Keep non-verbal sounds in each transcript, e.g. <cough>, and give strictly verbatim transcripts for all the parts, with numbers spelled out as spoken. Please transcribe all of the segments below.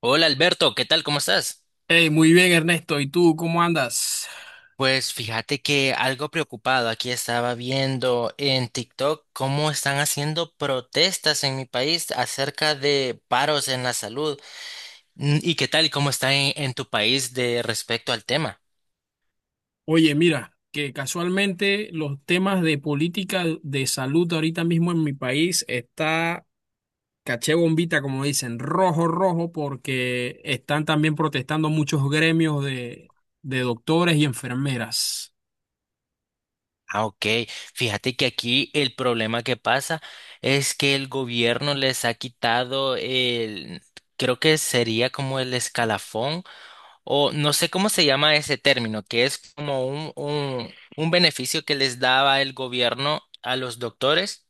Hola Alberto, ¿qué tal? ¿Cómo estás? Hey, muy bien, Ernesto. ¿Y tú cómo andas? Pues fíjate que algo preocupado, aquí estaba viendo en TikTok cómo están haciendo protestas en mi país acerca de paros en la salud. Mm, ¿y qué tal? ¿Cómo está en, en tu país de respecto al tema? Oye, mira, que casualmente los temas de política de salud ahorita mismo en mi país está caché bombita, como dicen, rojo, rojo, porque están también protestando muchos gremios de, de doctores y enfermeras. Ah, ok. Fíjate que aquí el problema que pasa es que el gobierno les ha quitado el, creo que sería como el escalafón, o no sé cómo se llama ese término, que es como un, un, un beneficio que les daba el gobierno a los doctores,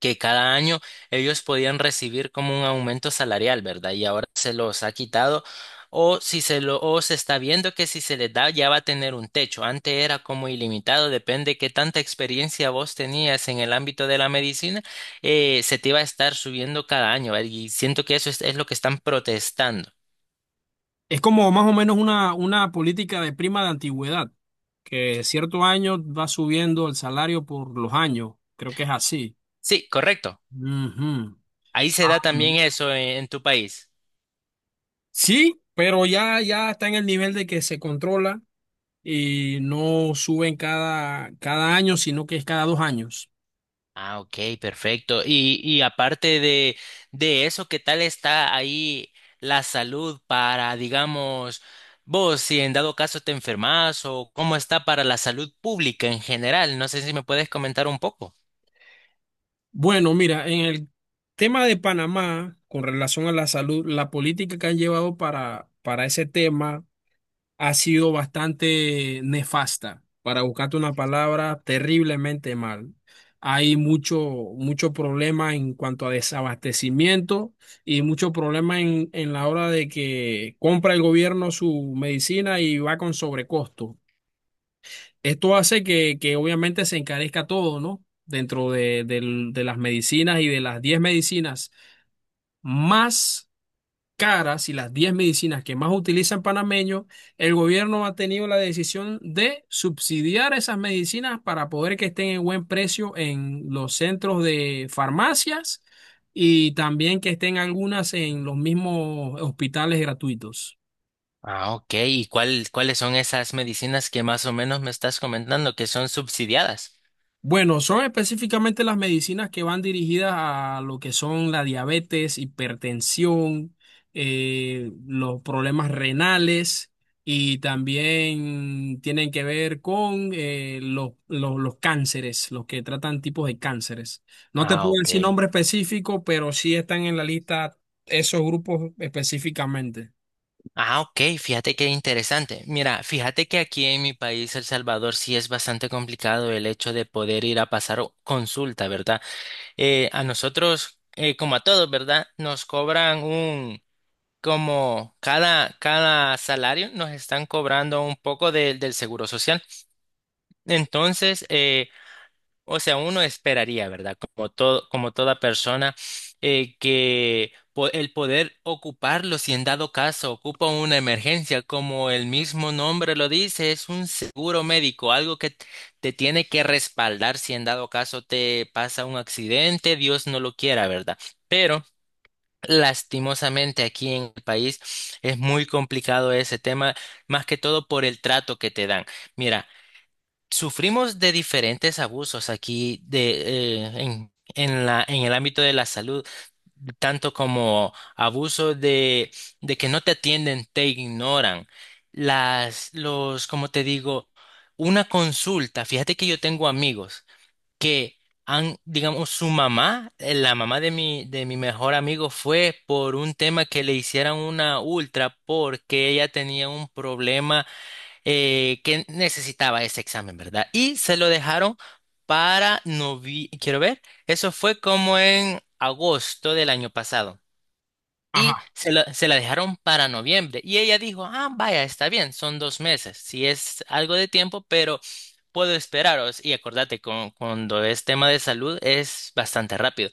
que cada año ellos podían recibir como un aumento salarial, ¿verdad? Y ahora se los ha quitado. O si se lo, o se está viendo que si se les da ya va a tener un techo. Antes era como ilimitado, depende qué tanta experiencia vos tenías en el ámbito de la medicina, eh, se te iba a estar subiendo cada año, ¿verdad? Y siento que eso es es lo que están protestando. Es como más o menos una, una política de prima de antigüedad, que cierto año va subiendo el salario por los años. Creo que es así. Sí, correcto. Ahí se da también Ujú. eso en, en tu país. Sí, pero ya, ya está en el nivel de que se controla y no suben cada, cada año, sino que es cada dos años. Ah, ok, perfecto. Y, y aparte de, de eso, ¿qué tal está ahí la salud para, digamos, vos, si en dado caso te enfermas o cómo está para la salud pública en general? No sé si me puedes comentar un poco. Bueno, mira, en el tema de Panamá, con relación a la salud, la política que han llevado para, para ese tema ha sido bastante nefasta. Para buscarte una palabra, terriblemente mal. Hay mucho, mucho problema en cuanto a desabastecimiento y mucho problema en, en la hora de que compra el gobierno su medicina y va con sobrecosto. Esto hace que, que obviamente se encarezca todo, ¿no? Dentro de, del- de las medicinas y de las diez medicinas más caras y las diez medicinas que más utilizan panameños, el gobierno ha tenido la decisión de subsidiar esas medicinas para poder que estén en buen precio en los centros de farmacias y también que estén algunas en los mismos hospitales gratuitos. Ah, ok. ¿Y cuál, cuáles son esas medicinas que más o menos me estás comentando que son subsidiadas? Bueno, son específicamente las medicinas que van dirigidas a lo que son la diabetes, hipertensión, eh, los problemas renales y también tienen que ver con eh, los, los- los cánceres, los que tratan tipos de cánceres. No te Ah, puedo ok. decir nombre específico, pero sí están en la lista esos grupos específicamente. Ah, ok, fíjate qué interesante. Mira, fíjate que aquí en mi país, El Salvador, sí es bastante complicado el hecho de poder ir a pasar o- consulta, ¿verdad? Eh, a nosotros, eh, como a todos, ¿verdad? Nos cobran un, como cada, cada salario, nos están cobrando un poco de- del seguro social. Entonces, eh, o sea, uno esperaría, ¿verdad? Como todo, como toda persona, eh, que po- el poder ocuparlo, si en dado caso ocupa una emergencia, como el mismo nombre lo dice, es un seguro médico, algo que t- te tiene que respaldar si en dado caso te pasa un accidente, Dios no lo quiera, ¿verdad? Pero lastimosamente aquí en el país es muy complicado ese tema, más que todo por el trato que te dan. Mira. Sufrimos de diferentes abusos aquí de, eh, en, en la, en el ámbito de la salud, tanto como abusos de, de que no te atienden, te ignoran. Las, los, como te digo, una consulta. Fíjate que yo tengo amigos que han, digamos, su mamá, eh, la mamá de mi, de mi mejor amigo fue por un tema que le hicieran una ultra porque ella tenía un problema eh, que necesitaba ese examen, ¿verdad? Y se lo dejaron para noviembre, quiero ver, eso fue como en agosto del año pasado. Y Ajá. se la, se la dejaron para noviembre. Y ella dijo, ah, vaya, está bien, son dos meses, sí es algo de tiempo, pero puedo esperaros. Y acordate, con- cuando es tema de salud es bastante rápido.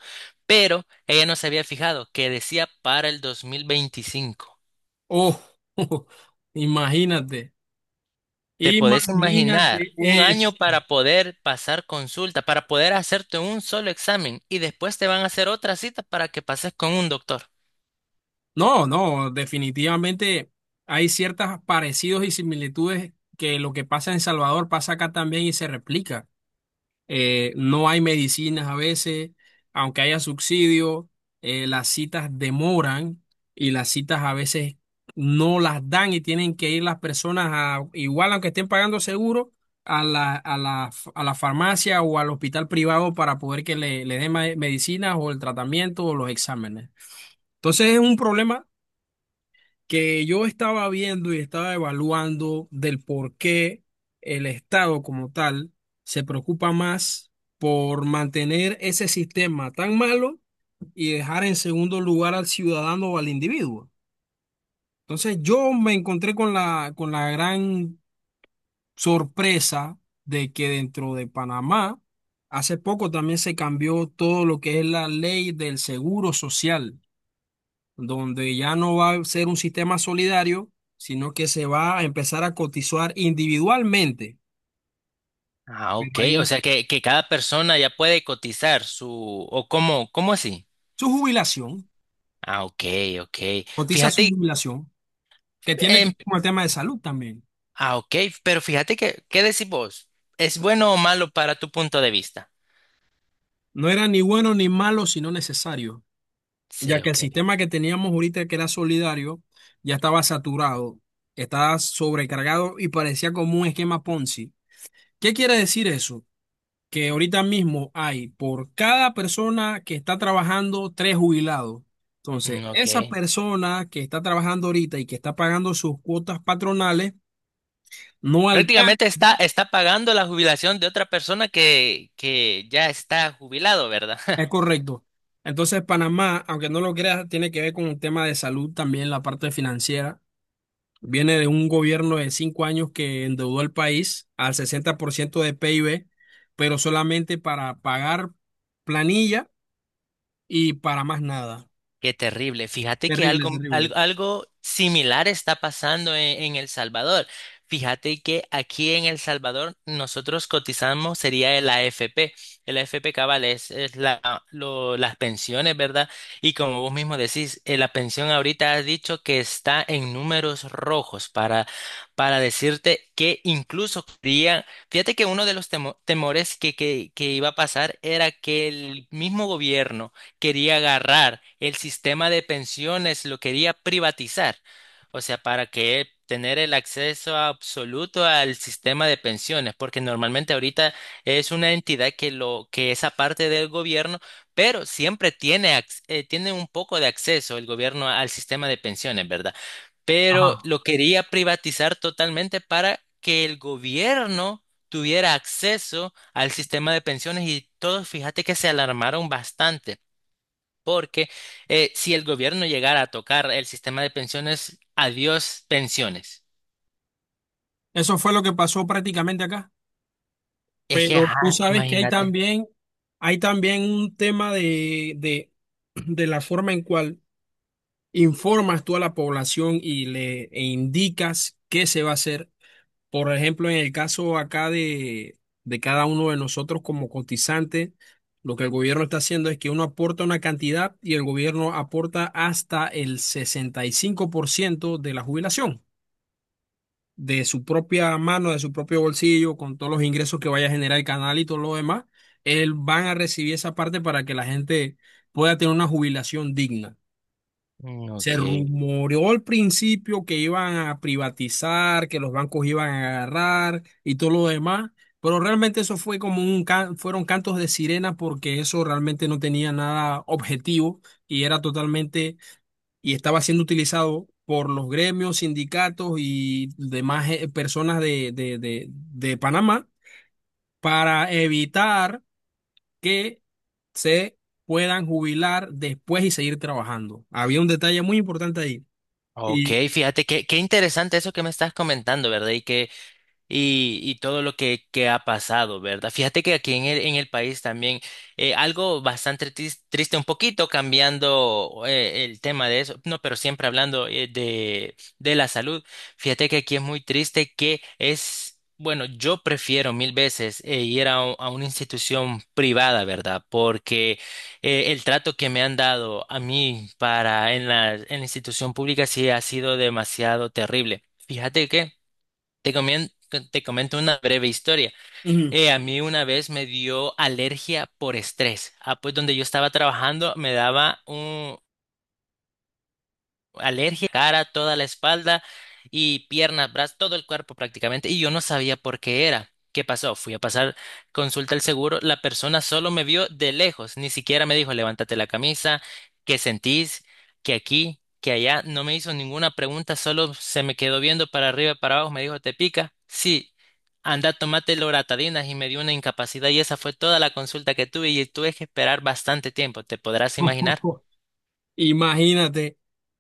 Pero ella no se había fijado que decía para el dos mil veinticinco. Oh, <laughs> imagínate, ¿Te podés imagínate. imaginar un año para poder pasar consulta, para poder hacerte un solo examen y después te van a hacer otra cita para que pases con un doctor? No, no, definitivamente hay ciertos parecidos y similitudes que lo que pasa en Salvador pasa acá también y se replica. Eh, no hay medicinas a veces, aunque haya subsidio, eh, las citas demoran y las citas a veces no las dan y tienen que ir las personas a, igual aunque estén pagando seguro, a la, a la, a la farmacia o al hospital privado para poder que le, le den ma- medicinas o el tratamiento o los exámenes. Entonces es un problema que yo estaba viendo y estaba evaluando del por qué el Estado como tal se preocupa más por mantener ese sistema tan malo y dejar en segundo lugar al ciudadano o al individuo. Entonces yo me encontré con la, con la gran sorpresa de que dentro de Panamá hace poco también se cambió todo lo que es la ley del seguro social donde ya no va a ser un sistema solidario, sino que se va a empezar a cotizar individualmente. Ah, Pero ok, hay o un, sea que, que cada persona ya puede cotizar su... ¿O cómo, cómo así? su jubilación, Ah, ok, ok. cotiza su Fíjate, jubilación, que tiene que em, ver con el tema de salud también. ah, ok, pero fíjate que, ¿qué decís vos? ¿Es bueno o malo para tu punto de vista? No era ni bueno ni malo, sino necesario, ya Sí, que el ok. sistema que teníamos ahorita, que era solidario, ya estaba saturado, estaba sobrecargado y parecía como un esquema Ponzi. ¿Qué quiere decir eso? Que ahorita mismo hay por cada persona que está trabajando tres jubilados. Entonces, Mm, ok. esa persona que está trabajando ahorita y que está pagando sus cuotas patronales no alcanza, Prácticamente está, está pagando la jubilación de otra persona que, que ya está jubilado, ¿verdad? es <laughs> correcto. Entonces, Panamá, aunque no lo creas, tiene que ver con un tema de salud también, la parte financiera. Viene de un gobierno de cinco años que endeudó al país al sesenta por ciento de PIB, pero solamente para pagar planilla y para más nada. Qué terrible. Fíjate que Terrible, algo, terrible. al- algo similar está pasando en, en El Salvador. Fíjate que aquí en El Salvador nosotros cotizamos sería el A F P. El A F P cabal es, es la, lo- las pensiones, ¿verdad? Y como vos mismo decís, eh, la pensión ahorita has dicho que está en números rojos para, para decirte que incluso quería- Fíjate que uno de los temo- temores que, que, que iba a pasar era que el mismo gobierno quería agarrar el sistema de pensiones, lo quería privatizar. O sea, para que tener el acceso absoluto al sistema de pensiones, porque normalmente ahorita es una entidad que lo que es aparte del gobierno, pero siempre tiene ac- eh, tiene un poco de acceso el gobierno al sistema de pensiones, ¿verdad? Pero Ajá. lo quería privatizar totalmente para que el gobierno tuviera acceso al sistema de pensiones y todos, fíjate que se alarmaron bastante porque eh, si el gobierno llegara a tocar el sistema de pensiones, adiós pensiones. Eso fue lo que pasó prácticamente acá. Es que, Pero ajá, tú sabes que hay imagínate. también, hay también un tema de, de, de la forma en cual informas tú a la población y le e indicas qué se va a hacer. Por ejemplo, en el caso acá de, de cada uno de nosotros como cotizante, lo que el gobierno está haciendo es que uno aporta una cantidad y el gobierno aporta hasta el sesenta y cinco por ciento de la jubilación de su propia mano, de su propio bolsillo, con todos los ingresos que vaya a generar el canal y todo lo demás, él van a recibir esa parte para que la gente pueda tener una jubilación digna. Mm, Se ok, rumoreó al principio que iban a privatizar, que los bancos iban a agarrar y todo lo demás, pero realmente eso fue como un can- fueron cantos de sirena porque eso realmente no tenía nada objetivo y era totalmente y estaba siendo utilizado por los gremios, sindicatos y demás eh, personas de, de, de, de Panamá para evitar que se puedan jubilar después y seguir trabajando. Había un detalle muy importante ahí. ok, Y fíjate que qué interesante eso que me estás comentando, ¿verdad? Y que y, y todo lo que, que ha pasado, ¿verdad? Fíjate que aquí en el, en el país también eh, algo bastante tris- triste, un poquito cambiando eh, el tema de eso, no, pero siempre hablando eh, de, de la salud. Fíjate que aquí es muy triste que es... Bueno, yo prefiero mil veces eh, ir a, u- a una institución privada, ¿verdad? Porque eh, el trato que me han dado a mí para en la, en la institución pública sí ha sido demasiado terrible. Fíjate que te comien- te comento una breve historia. Ujú. Eh, a mí una vez me dio alergia por estrés. Ah, pues donde yo estaba trabajando me daba alergia, cara, toda la espalda y piernas, brazos, todo el cuerpo prácticamente, y yo no sabía por qué era. ¿Qué pasó? Fui a pasar consulta al seguro, la persona solo me vio de lejos, ni siquiera me dijo, levántate la camisa, ¿qué sentís? ¿Qué aquí? ¿Qué allá? No me hizo ninguna pregunta, solo se me quedó viendo para arriba y para abajo, me dijo, ¿te pica? Sí. Anda, tomate loratadina y me dio una incapacidad y esa fue toda la consulta que tuve y tuve que esperar bastante tiempo, ¿te podrás imaginar? <laughs> imagínate,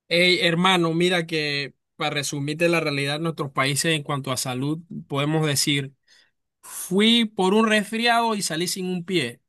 hey, hermano, mira que para resumirte la realidad de nuestros países en cuanto a salud, podemos decir, fui por un resfriado y salí sin un pie.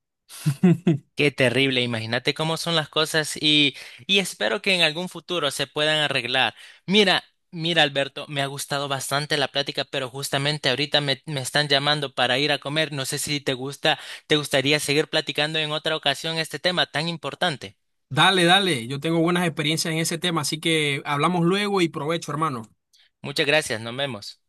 Qué terrible, imagínate cómo son las cosas y, y espero que en algún futuro se puedan arreglar. Mira, mira Alberto, me ha gustado bastante la plática, pero justamente ahorita me, me están llamando para ir a comer. No sé si te gusta, te gustaría seguir platicando en otra ocasión este tema tan importante. Dale, dale, yo tengo buenas experiencias en ese tema, así que hablamos luego y provecho, hermano. Muchas gracias, nos vemos.